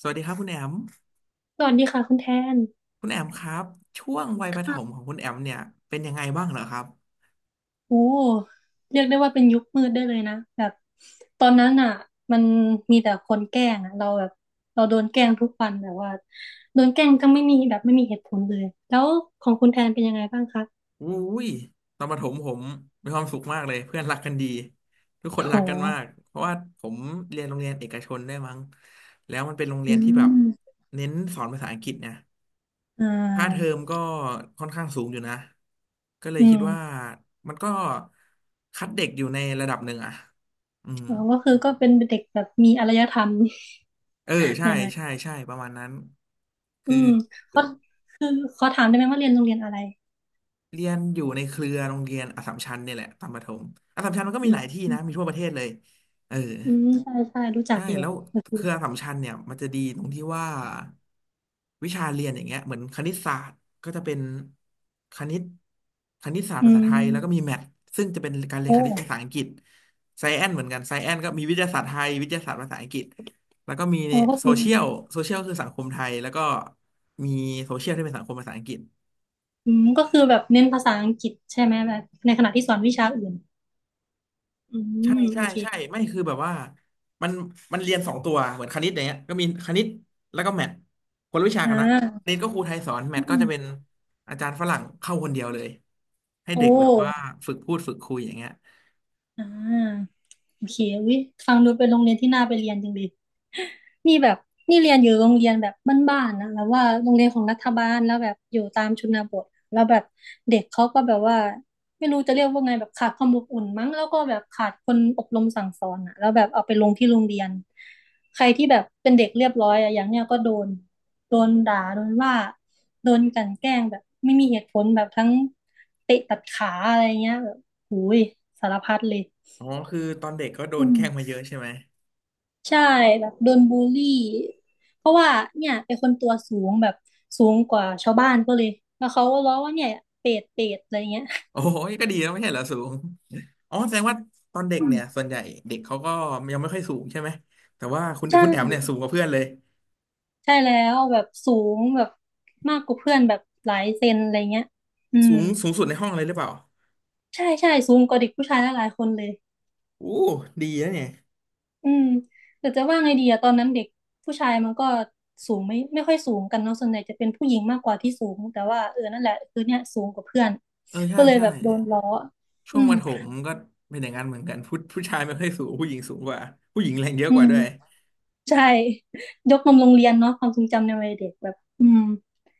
สวัสดีครับคุณแอม สวัสดีค่ะคุณแทนคุณแอมครับช่วงวัยประถมของคุณแอมเนี่ยเป็นยังไงบ้างเหรอครับโอ้เรียกได้ว่าเป็นยุคมืดได้เลยนะแบบตอนนั้นอ่ะมันมีแต่คนแกล้งอ่ะเราแบบเราโดนแกล้งทุกวันแบบว่าโดนแกล้งก็ไม่มีแบบไม่มีเหตุผลเลยแล้วของคุณแทนเป็นยังไงบ้างคะอุ้ยตอนประถมผมมีความสุขมากเลยเพื่อนรักกันดีทุกคโอ้นโหรักกันมากเพราะว่าผมเรียนโรงเรียนเอกชนได้วยมั้งแล้วมันเป็นโรงเรีอืยนที่แบบมเน้นสอนภาษาอังกฤษเนี่ยอ่ค่าเทอามก็ค่อนข้างสูงอยู่นะก็เลยอืคิดว่ามมันก็คัดเด็กอยู่ในระดับหนึ่งอะอืมอ๋อก็คือก็เป็นเด็กแบบมีอารยธรรม เออ ใช่หน่อยใช่ใช่ประมาณนั้นๆอืคือ มเขาคือขอถามได้ไหมว่าเรียนโรงเรียนอะไรเรียนอยู่ในเครือโรงเรียนอัสสัมชัญเนี่ยแหละตอนประถมอัสสัมชัญมันก็อืมีหลายมที่นะมีทั่วประเทศเลยเอออืมใช่ใช่รู้จักใช่อยู่แล้วก็เคคือรืออัสสัมชัญเนี่ยมันจะดีตรงที่ว่าวิชาเรียนอย่างเงี้ยเหมือนคณิตศาสตร์ก็จะเป็นคณิตคณิตศาสตร์อืภาษาไทยแล้วก็มีมแมทซึ่งจะเป็นการเรียนโอ้คณิตภาษาอังกฤษไซแอนเหมือนกันไซแอนก็มีวิทยาศาสตร์ไทยวิทยาศาสตร์ภาษาอังกฤษแล้วก็มีโอ้ก็โซคือ เชียลโซเชียลคือสังคมไทยแล้วก็มีโซเชียลที่เป็นสังคมภาษาอังกฤษ อืมก็คือแบบเน้นภาษาอังกฤษใช่ไหมแบบในขณะที่สอนวิชาอื่นอืใช่มโอใช่เคใช่ไม่คือแบบว่ามันมันเรียนสองตัวเหมือนคณิตอย่างเงี้ยก็มีคณิตแล้วก็แมทคนละวิชาอ่กันนะคาณิตก็ครูไทยสอนแมอืทก็จะเป็นมอาจารย์ฝรั่งเข้าคนเดียวเลยให้โอ้เด็กแบบว่าฝึกพูดฝึกคุยอย่างเงี้ยอ่า โอเควิฟังดูเป็นโรงเรียนที่น่าไปเรียนจริงดินี่แบบนี่เรียนอยู่โรงเรียนแบบบ้านๆนะแล้วว่าโรงเรียนของรัฐบาลแล้วแบบอยู่ตามชนบทแล้วแบบเด็กเขาก็แบบว่าไม่รู้จะเรียกว่าไงแบบขาดความอบอุ่นมั้งแล้วก็แบบขาดคนอบรมสั่งสอนอ่ะแล้วแบบเอาไปลงที่โรงเรียนใครที่แบบเป็นเด็กเรียบร้อยอ่ะอย่างเนี้ยก็โดนโดนด่าโดนว่าโดนกลั่นแกล้งแบบไม่มีเหตุผลแบบทั้งเตะตัดขาอะไรเงี้ยแบบหูยสารพัดเลยอ๋อคือตอนเด็กก็โดอืนม แกล้งมาเยอะใช่ไหมใช่แบบโดนบูลลี่เพราะว่าเนี่ยเป็นคนตัวสูงแบบสูงกว่าชาวบ้านก็เลยแล้วเขาก็ล้อว่าเนี่ยเป็ดเป็ดอะไรเงี้ยโอ้โหก็ดีแล้วไม่ใช่เหรอสูงอ๋อแสดงว่าตอนเด็กอืมเนี่ยส่วนใหญ่เด็กเขาก็ยังไม่ค่อยสูงใช่ไหมแต่ว่าคุณใช่คุณแอมเนี่ยสูงกว่าเพื่อนเลยใช่แล้วแบบสูงแบบมากกว่าเพื่อนแบบหลายเซนอะไรเงี้ยอืสูมงสูงสุดในห้องเลยหรือเปล่าใช่ใช่สูงกว่าเด็กผู้ชายหลายๆคนเลยอู้ดีนะเนี่ยอืมแต่จะว่าไงดีอะตอนนั้นเด็กผู้ชายมันก็สูงไม่ค่อยสูงกันเนาะส่วนใหญ่จะเป็นผู้หญิงมากกว่าที่สูงแต่ว่าเออนั่นแหละคือเนี่ยสูงกว่าเพื่อนเออใช่ก็เลยใช่ แบบโดนล้อช่อืวงปมระถมก็เป็นอย่างนั้นเหมือนกันผู้ชายไม่ค่อยสูงผู้หญิงสูงกว่าผู้หญิงแรงเยอะอืกว่าม ด้วยใช่ยกนมโรงเรียนเนาะความทรงจำในวัยเด็กแบบอืม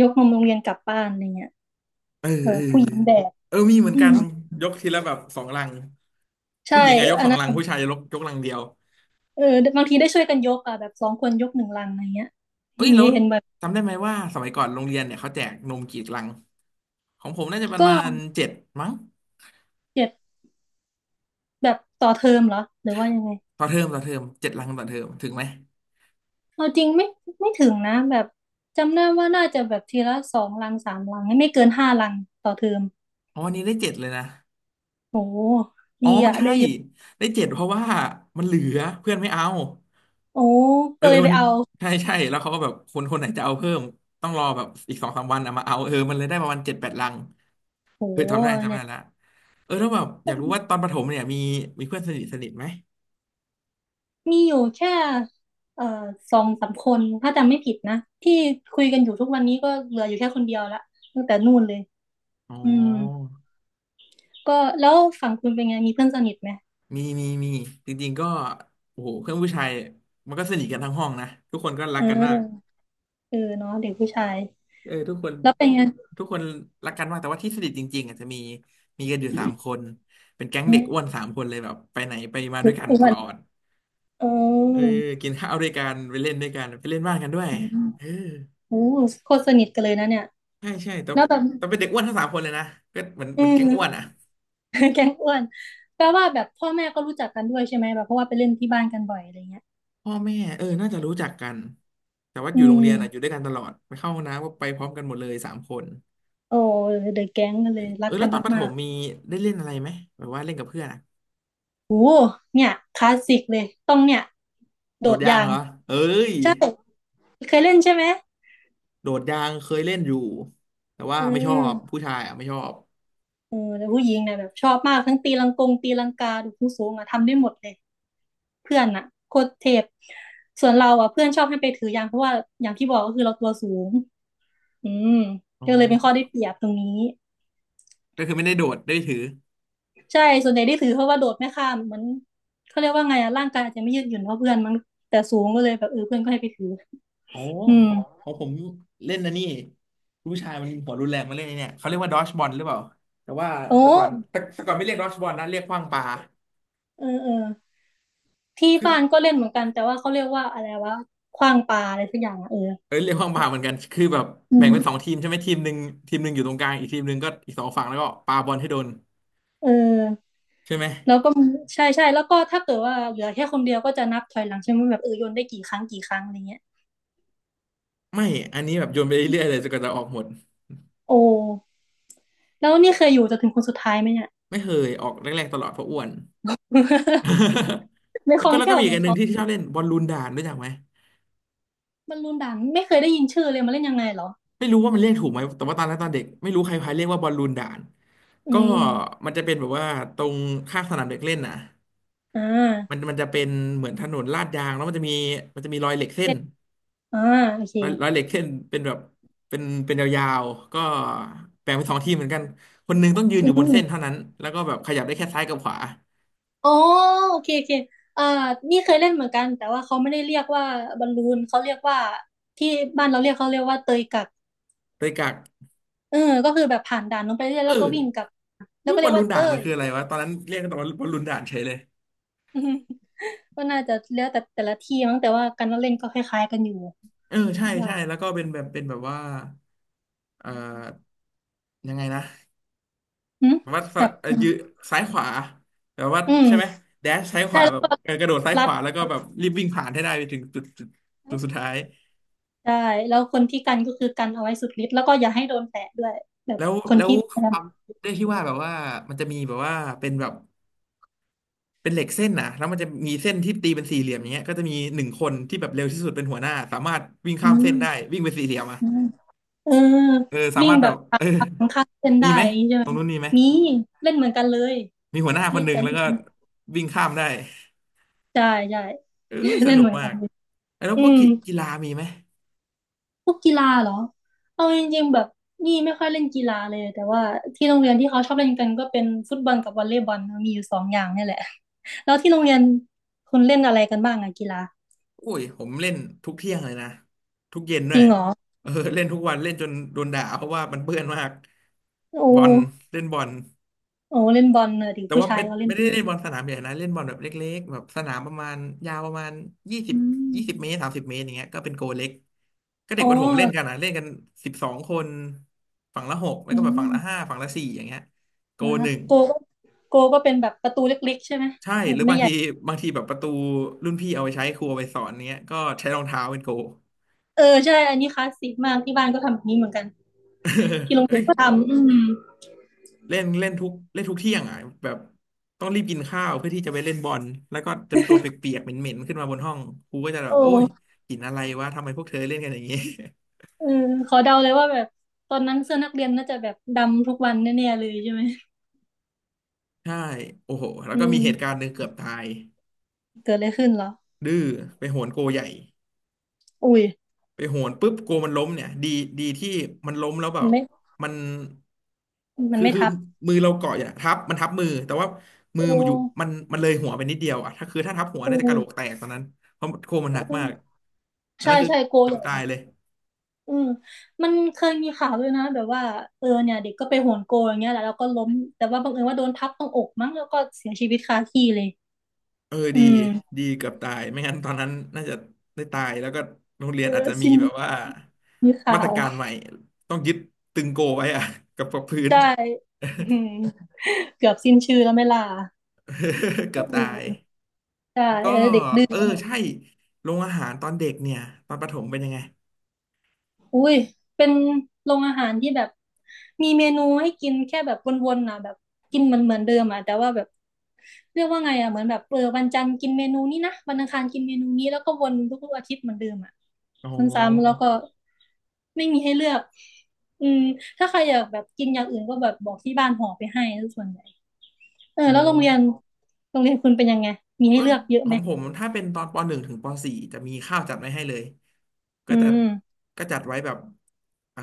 ยกนมโรงเรียนกลับบ้านอะไรเงี้ยเออเออเออผู้หญิงแบกเออมีเหมือนอืกัมนยกทีละแบบสองลังใช่ผู้หญิงอะยกอัสนองนั้ลังนผู้ชายยกลังเดียวเออบางทีได้ช่วยกันยกอ่ะแบบสองคนยกหนึ่งลังอะไรเงี้ยเอ้ยมีแล้วให้เห็นแบบจำได้ไหมว่าสมัยก่อนโรงเรียนเนี่ยเขาแจกนมกี่ลังของผมน่าจะประก็มาณเจ็ดมั้งเจ็ดแบบต่อเทอมเหรอหรือว่ายังไงต่อเทอมต่อเทอมเจ็ดลังต่อเทอมถึงไหมเอาจริงไม่ถึงนะแบบจำได้ว่าน่าจะแบบทีละสองลังสามลังไม่เกินห้าลังต่อเทอมอ๋อวันนี้ได้เจ็ดเลยนะโอ้อ๋ดีอไม่อ่ะใช่ได้เยอะได้เจ็ดเพราะว่ามันเหลือเพื่อนไม่เอา โอ้เออก็เลเออยไปมันเอาใช่ใช่แล้วเขาก็แบบคนคนไหนจะเอาเพิ่มต้องรอแบบอีกสองสามวันเอามาเอาเออมันเลยได้ประมาณเจ็ดแปดลังโอ้เออจำได้จำเนี่ได้ย ละเออแล้วแบบอยากรู้ว่าตอนประถมเนี่ยมีมีเพื่อนสนิทสนิทไหมมีอยู่แค่เอ่อสองสามคนถ้าจำไม่ผิดนะที่คุยกันอยู่ทุกวันนี้ก็เหลืออยู่แค่คนเดียวละตั้งแต่นู่นเลยอ๋ออืมก็แล้วฝั่งคุณเป็นไงมีเพื่อนสนิทไหมมีมีมีจริงๆก็โอ้โหเพื่อนผู้ชายมันก็สนิทกันทั้งห้องนะทุกคนก็รัเกกันมากออเออเนาะเด็กผู้ชายเออทุกคนแล้วเป็นไงทุกคนรักกันมากแต่ว่าที่สนิทจริงๆอาจจะมีกันอยู่สามคนเป็นแก๊งอืเด็กอ้วนมสามคนเลยแบบไปไหนไปมาด้เด็วกยกันอ้ตวนลอด เเออออกินข้าวด้วยกันไปเล่นด้วยกันไปเล่นบ้านกันด้วยอืมเออโอ้โคตรสนิทกันเลยนะเนี่ยใช่ใช่ตอนแล้วเป็นแบบตอนเป็นเด็กอ้วนทั้งสามคนเลยนะก็เหมือนเหอืมือนแก๊งอ้วนอ่ะม แก๊งอ้วนแปลว่าแบบพ่อแม่ก็รู้จักกันด้วยใช่ไหมแบบเพราะว่าไปเล่นที่บ้านกันบ่อยอะไรเงี้ยพ่อแม่เออน่าจะรู้จักกันแต่ว่าออืยู่โรงมเรียนอ่ะอยู่ด้วยกันตลอดไปเข้าห้องน้ำก็ไปพร้อมกันหมดเลยสามคนโอ้เดอะแก๊งกันเลยเอรัอกกัแล้วนตอนประถมามก มีได้เล่นอะไรไหมแบบว่าเล่นกับเพื่อนอะโอ้เนี่ยคลาสสิกเลยต้องเนี่ยโดโดดดยางยางเหรอเอ้ยเคยเล่นใช่ไหมโดดยางเคยเล่นอยู่แต่ว่าเอไม่ชอบอผู้ชายอ่ะไม่ชอบเออแต่ผู้หญิงเนี่ยแบบชอบมากทั้งตีลังกงตีลังกาดูผู้สูงอะทำได้หมดเลยเพื่อนอะโคตรเทพส่วนเราอะเพื่อนชอบให้ไปถือยางเพราะว่าอย่างที่บอกก็คือเราตัวสูงอืมอ๋อก็เลยเป็นข้อได้เปรียบตรงนี้ก็คือไม่ได้โดดได้ถือ ใช่ส่วนใหญ่ได้ถือเพราะว่าโดดไม่ข้ามเหมือนเขาเรียกว่าไงอะร่างกายอาจจะไม่ยืดหยุ่นเท่าเพื่อนมั้งแต่สูงก็เลยแบบเออเพื่อนก็ให้ไปถือโอ้อืมของของผมเล่นนะนนี่ผู้ชายมันหัวรุนแรงมาเล่นไอ้เนี่ยเขาเรียกว่าดอชบอลหรือเปล่าแต่ว่าโอ้แต่ก่อนแต่แต่ก่อนไม่เรียกดอชบอลนะเรียกขว้างปลาเออเออ ที่คือบ้านก็เล่นเหมือนกันแต่ว่าเขาเรียกว่าอะไรวะขว้างปลาอะไรสักอย่างอะเออเออเรียกขว้างปแบลาบเหมือนกันคือแบบอืแบ่งเป็นสองมทีมใช่ไหมทีมหนึ่งอยู่ตรงกลางอีกทีมหนึ่งก็อีกสองฝั่งแล้วก็ปาบอลให้โดนเออใช่ไหมแล้วก็ใช่ใช่แล้วก็ถ้าเกิดว่าเหลือแค่คนเดียวก็จะนับถอยหลังใช่ไหมแบบเออโยนได้กี่ครั้งกี่ครั้งอะไรเงี้ยไม่อันนี้แบบโยนไปเรื่อยๆเลยจนกว่าจะออกหมดโอ้แล้วนี่เคยอยู่จนถึงคนสุดท้ายไหมเนี่ย ไม่เคยออกแรกๆตลอดเพราะอ้วน ไม่ แล้ควล่อก็งแล้วแคก็ล่วมีเหอีกมือนอันหนึ่เขางที่ชอบเล่นบอลลูนด่านรู้จักไหมบอลลูนด่างไม่เคยได้ยินชื่อเลยมาเล่นยังไงเหรอไม่รู้ว่ามันเรียกถูกไหมแต่ว่าตอนนั้นตอนเด็กไม่รู้ใครพาเรียกว่าบอลลูนด่าน อืก็มอมมันจะเป็นแบบว่าตรงข้างสนามเด็กเล่นน่ะอ่มันามันจะเป็นเหมือนถนนลาดยางแล้วมันจะมีรอยเหล็กเส้นเล่นอ่าโอเครอยเหล็กเส้นเป็นแบบเป็นเป็นยาวๆก็แบ่งเป็นสองทีมเหมือนกันคนหนึงต้องยืนออืยู่บนม เส้นเท่านั้นแล้วก็แบบขยับได้แค่ซ้ายกับขวาอ๋อโอเคโอเคอ่านี่เคยเล่นเหมือนกันแต่ว่าเขาไม่ได้เรียกว่าบอลลูนเขาเรียกว่าที่บ้านเราเรียกเขาเรียกว่าเตยกักโดยกักเออก็คือแบบผ่านด่านลงไปเรื่อยเอแล้วก็วิ่งกลัอบแล้รูวปก็บเรีอยลกลูว่านเตด่านมันย คืออะไรวะตอนนั้นเรียกกันว่าบอลลูนด่านเฉยเลย อืมก็น่าจะแล้วแต่แต่ละที่มั้งแต่ว่าการเล่นก็คล้ายๆกันอยู่เออใช่คิดว่าใช่แล้วก็เป็นแบบเป็นแบบว่าเอ่อยังไงนะ อืมวัดฝแบรั่งบยืซ้ายขวาแบบว่าอืใช่ไหมมแดชซ้ายขใช่วาแล้แบวบก็เออกระโดดซ้ายรัขดวาแล้วก็แบบรีบวิ่งผ่านให้ได้ไปถึงจุดสุดท้ายใช่แล้วคนที่กันก็คือกันเอาไว้สุดฤทธิ์แล้วก็อย่าให้โดนแตะด้วยแบบแล้วคนแล้วที่พยาคยามวามด้วยที่ว่าแบบว่ามันจะมีแบบว่าเป็นแบบเป็นเหล็กเส้นนะแล้วมันจะมีเส้นที่ตีเป็นสี่เหลี่ยมอย่างเงี้ยก็จะมีหนึ่งคนที่แบบเร็วที่สุดเป็นหัวหน้าสามารถวิ่งข้าอืมเส้นได้วิ่งไปนสี่เหลี่ยมอ่ะม เออเออสาวิ่งมารถแบแบบบข้าเอองข้างเส้นมีได้ไหมอย่างนี้ใช่ตไหมรงนู้นมีไหมมีเล่นเหมือนกันเลยมีหัวหน้าคเล่นนหนึ่แต่งแล้วเล่นก็วิ่งข้ามได้ใช่ใช่ เอ้ย สเล่นนุเหกมือนมากันกเลยแล้วอืพวกมกีฬามีไหม พวกกีฬาเหรอเอาจริงๆแบบนี่ไม่ค่อยเล่นกีฬาเลยแต่ว่าที่โรงเรียนที่เขาชอบเล่นกันก็เป็นฟุตบอลกับวอลเลย์บอลนะมีอยู่สองอย่างนี่แหละ แล้วที่โรงเรียนคุณเล่นอะไรกันบ้างอะกีฬาอุ้ยผมเล่นทุกเที่ยงเลยนะทุกเย็นด้จวยริงเหรอเออ เล่นทุกวันเล่นจนโดนด่าเพราะว่ามันเปื้อนมากโอ้บอลเล่นบอลโอ้เล่นบอลเนอะดิแต่ผู้ว่าชายไม่เขาเล่นไม่ได้เล่นบอลสนามใหญ่นะเล่นบอลแบบเล็กๆแบบสนามประมาณยาวประมาณยี่สิบอืยี่สิบเมมตร30 เมตรอย่างเงี้ยก็เป็นโกเล็กก็เด็อ๋กอประถมเล่นกันนะเล่นกัน12 คนฝั่งละหกแล้วอืก็แบบฝั่งละห้าม ฝั่งละสี่อย่างเงี้ยโกคหรับนึ่งโกก็โกก็เป็นแบบประตูเล็กๆใช่ไหมใช่แบหรืบอไม่บางใหญ่ทีบางทีแบบประตูรุ่นพี่เอาไปใช้ครูเอาไปสอนเนี้ยก็ใช้รองเท้าเป็นโก เออใช่อันนี้คลาสสิกมากที่บ้านก็ทำแบบนี้เหมือนกันที่โร งเอ้เรียย นก็ทำอืมเล่นเล่นทุกเล่นทุกเที่ยงอ่ะแบบต้องรีบกินข้าวเพื่อที่จะไปเล่นบอลแล้วก็จะตัวเปียกๆเหม็นๆขึ้นมาบนห้องครูก็จะแบโอ้บโอ้ยกินอะไรวะทำไมพวกเธอเล่นกันอย่างนี้ เออขอเดาเลยว่าแบบตอนนั้นเสื้อนักเรียนน่าจะแบบดำทุกวันแน่ๆเลยใช่ไหม ใช่โอ้โหแล้วอืก็มีมเหตุการณ์หนึ่งเกือบตายเกิดอะไรขึ้นเหรอดื้อไปโหนโกใหญ่ อุ้ยไปโหนปุ๊บกลัวมันล้มเนี่ยดีที่มันล้มแล้วแบมับนไม่มันมันคือไม่คือทับมือเราเกาะอยู่นะทับมือแต่ว่ามืโอออยู่มั้นมันเลยหัวไปนิดเดียวอ่ะถ้าคือถ้าทับหัวโอ้น่าจะกะโหลกแตกตอนนั้นเพราะโคมันหนักมากอันใช่นั้นคือใช่โกเกือใหบญ่ตาเลยยเลยอืมมันเคยมีข่าวด้วยนะแบบว่าเออเนี่ยเด็กก็ไปโหนโกอย่างเงี้ยแหละแล้วก็ล้มแต่ว่าบังเอิญว่าโดนทับตรงอกมั้งแล้วก็เสียชีวิตคาที่เลย เออดีอืมดีเกือบตายไม่งั้นตอนนั้นน่าจะได้ตายแล้วก็โรงเรียเอนอาจอจะมีสิ้นแบบว่ามีมาข่าตรวการใหม่ต้องยึดตึงโกไว้อะกับพื้น ใช่ อืมเกือบสิ้นชื่อแล้วไหม่ลา เกือบอืตาย ใช่ก็เออเด็กดื้อเออใช่โรงอาหารตอนเด็กเนี่ยตอนประถมเป็นยังไงอุ้ยเป็นโรงอาหารที่แบบมีเมนูให้กินแค่แบบวนๆนะแบบกินมันเหมือนเดิมอ่ะแต่ว่าแบบเรียกว่าไงอ่ะเหมือนแบบเออวันจันทร์กินเมนูนี้นะวันอังคารกินเมนูนี้แล้วก็วนทุกๆอาทิตย์เหมือนเดิมอ่ะอ๋ซ้ำๆแล้วอก็ไม่มีให้เลือกอืมถ้าใครอยากแบบกินอย่างอื่นก็แบบบอกที่บ้านห่อไปให้ส่วนใหญ่ เอออ๋อแล้วโรงเรียนโรงเรียนคุณเป็นยังไงมีให้ก็เลือกเยอะขไหอมงผมถ้าเป็นตอนปหนึ่งถึงปสี่จะมีข้าวจัดไว้ให้เลยก็อืจะมจัดไว้แบบอ่า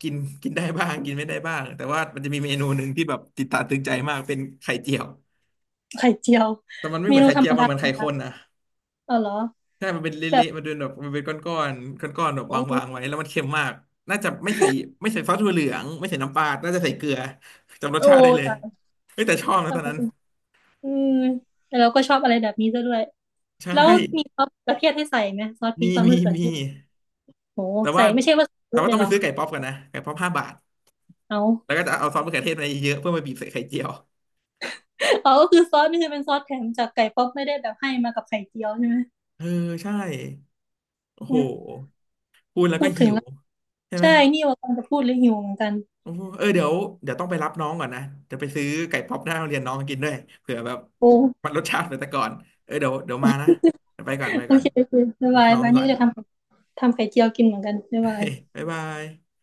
กินกินได้บ้างกินไม่ได้บ้างแต่ว่ามันจะมีเมนูหนึ่งที่แบบติดตาตึงใจมากเป็นไข่เจียวไข่เจียวแต่มันไม่เมเหมือนนูไข่ธรเจีรยมวมันดาเหมือธรนรไข่มข้นดานะ เออเหรอใช่มันเป็นแบบเละๆมันเป็นแบบมันเป็นก้อนๆก้อนๆแบบโอ้วางๆไว้ แล้วมันเค็มมากน่าจะไม่ใส่ซอสถั่วเหลืองไม่ใส่น้ำปลาน่าจะใส่เกลือจำรสโอ้ชาติได้เลยตายเฮ้ยแต่ชอบนะตทำอนไมนั้นอืมแต่เราก็ชอบอะไรแบบนี้ซะด้วยใช่ แล้วมีซอสมะเขือเทศให้ใส่ไหมซอสพริกซอสมะเขือมีเทศโอ้แต่ใส่ว่าไม่ใช่ว่าใส่เยอะเลต้ยองเหไปรอซื้อไก่ป๊อปกันนะไก่ป๊อป5 บาท เอาแล้วก็จะเอาซอสมะเขือเทศมาเยอะๆเพื่อมาบีบใส่ไข่เจียวเอาก็คือซอสนี่คือเป็นซอสแถมจากไก่ป๊อปไม่ได้แบบให้มากับไข่เจียวใช่ไหมเออใช่โอ้เอโหอพูดแล้วพูก็ดถึหิงวแล้วใช่ไหม ใช่นี่ว่ากำลังจะพูดเลยหิวเหมือนกันโอ้เออเดี๋ยวต้องไปรับน้องก่อนนะจะไปซื้อไก่ป๊อปหน้าโรงเรียนน้องกินด้วยเผื่อแบบโอ้มันรสชาติเหมือนแต่ก่อนเออเดี๋ยวมานะเดี๋ยวไปโอก่อนเคโอเคบ๊ายรับาบยน้องบายก่นี่อน ก็จะทำ ทำไข่เจียวกินเหมือนกันไม่เป็ บ๊ายบาย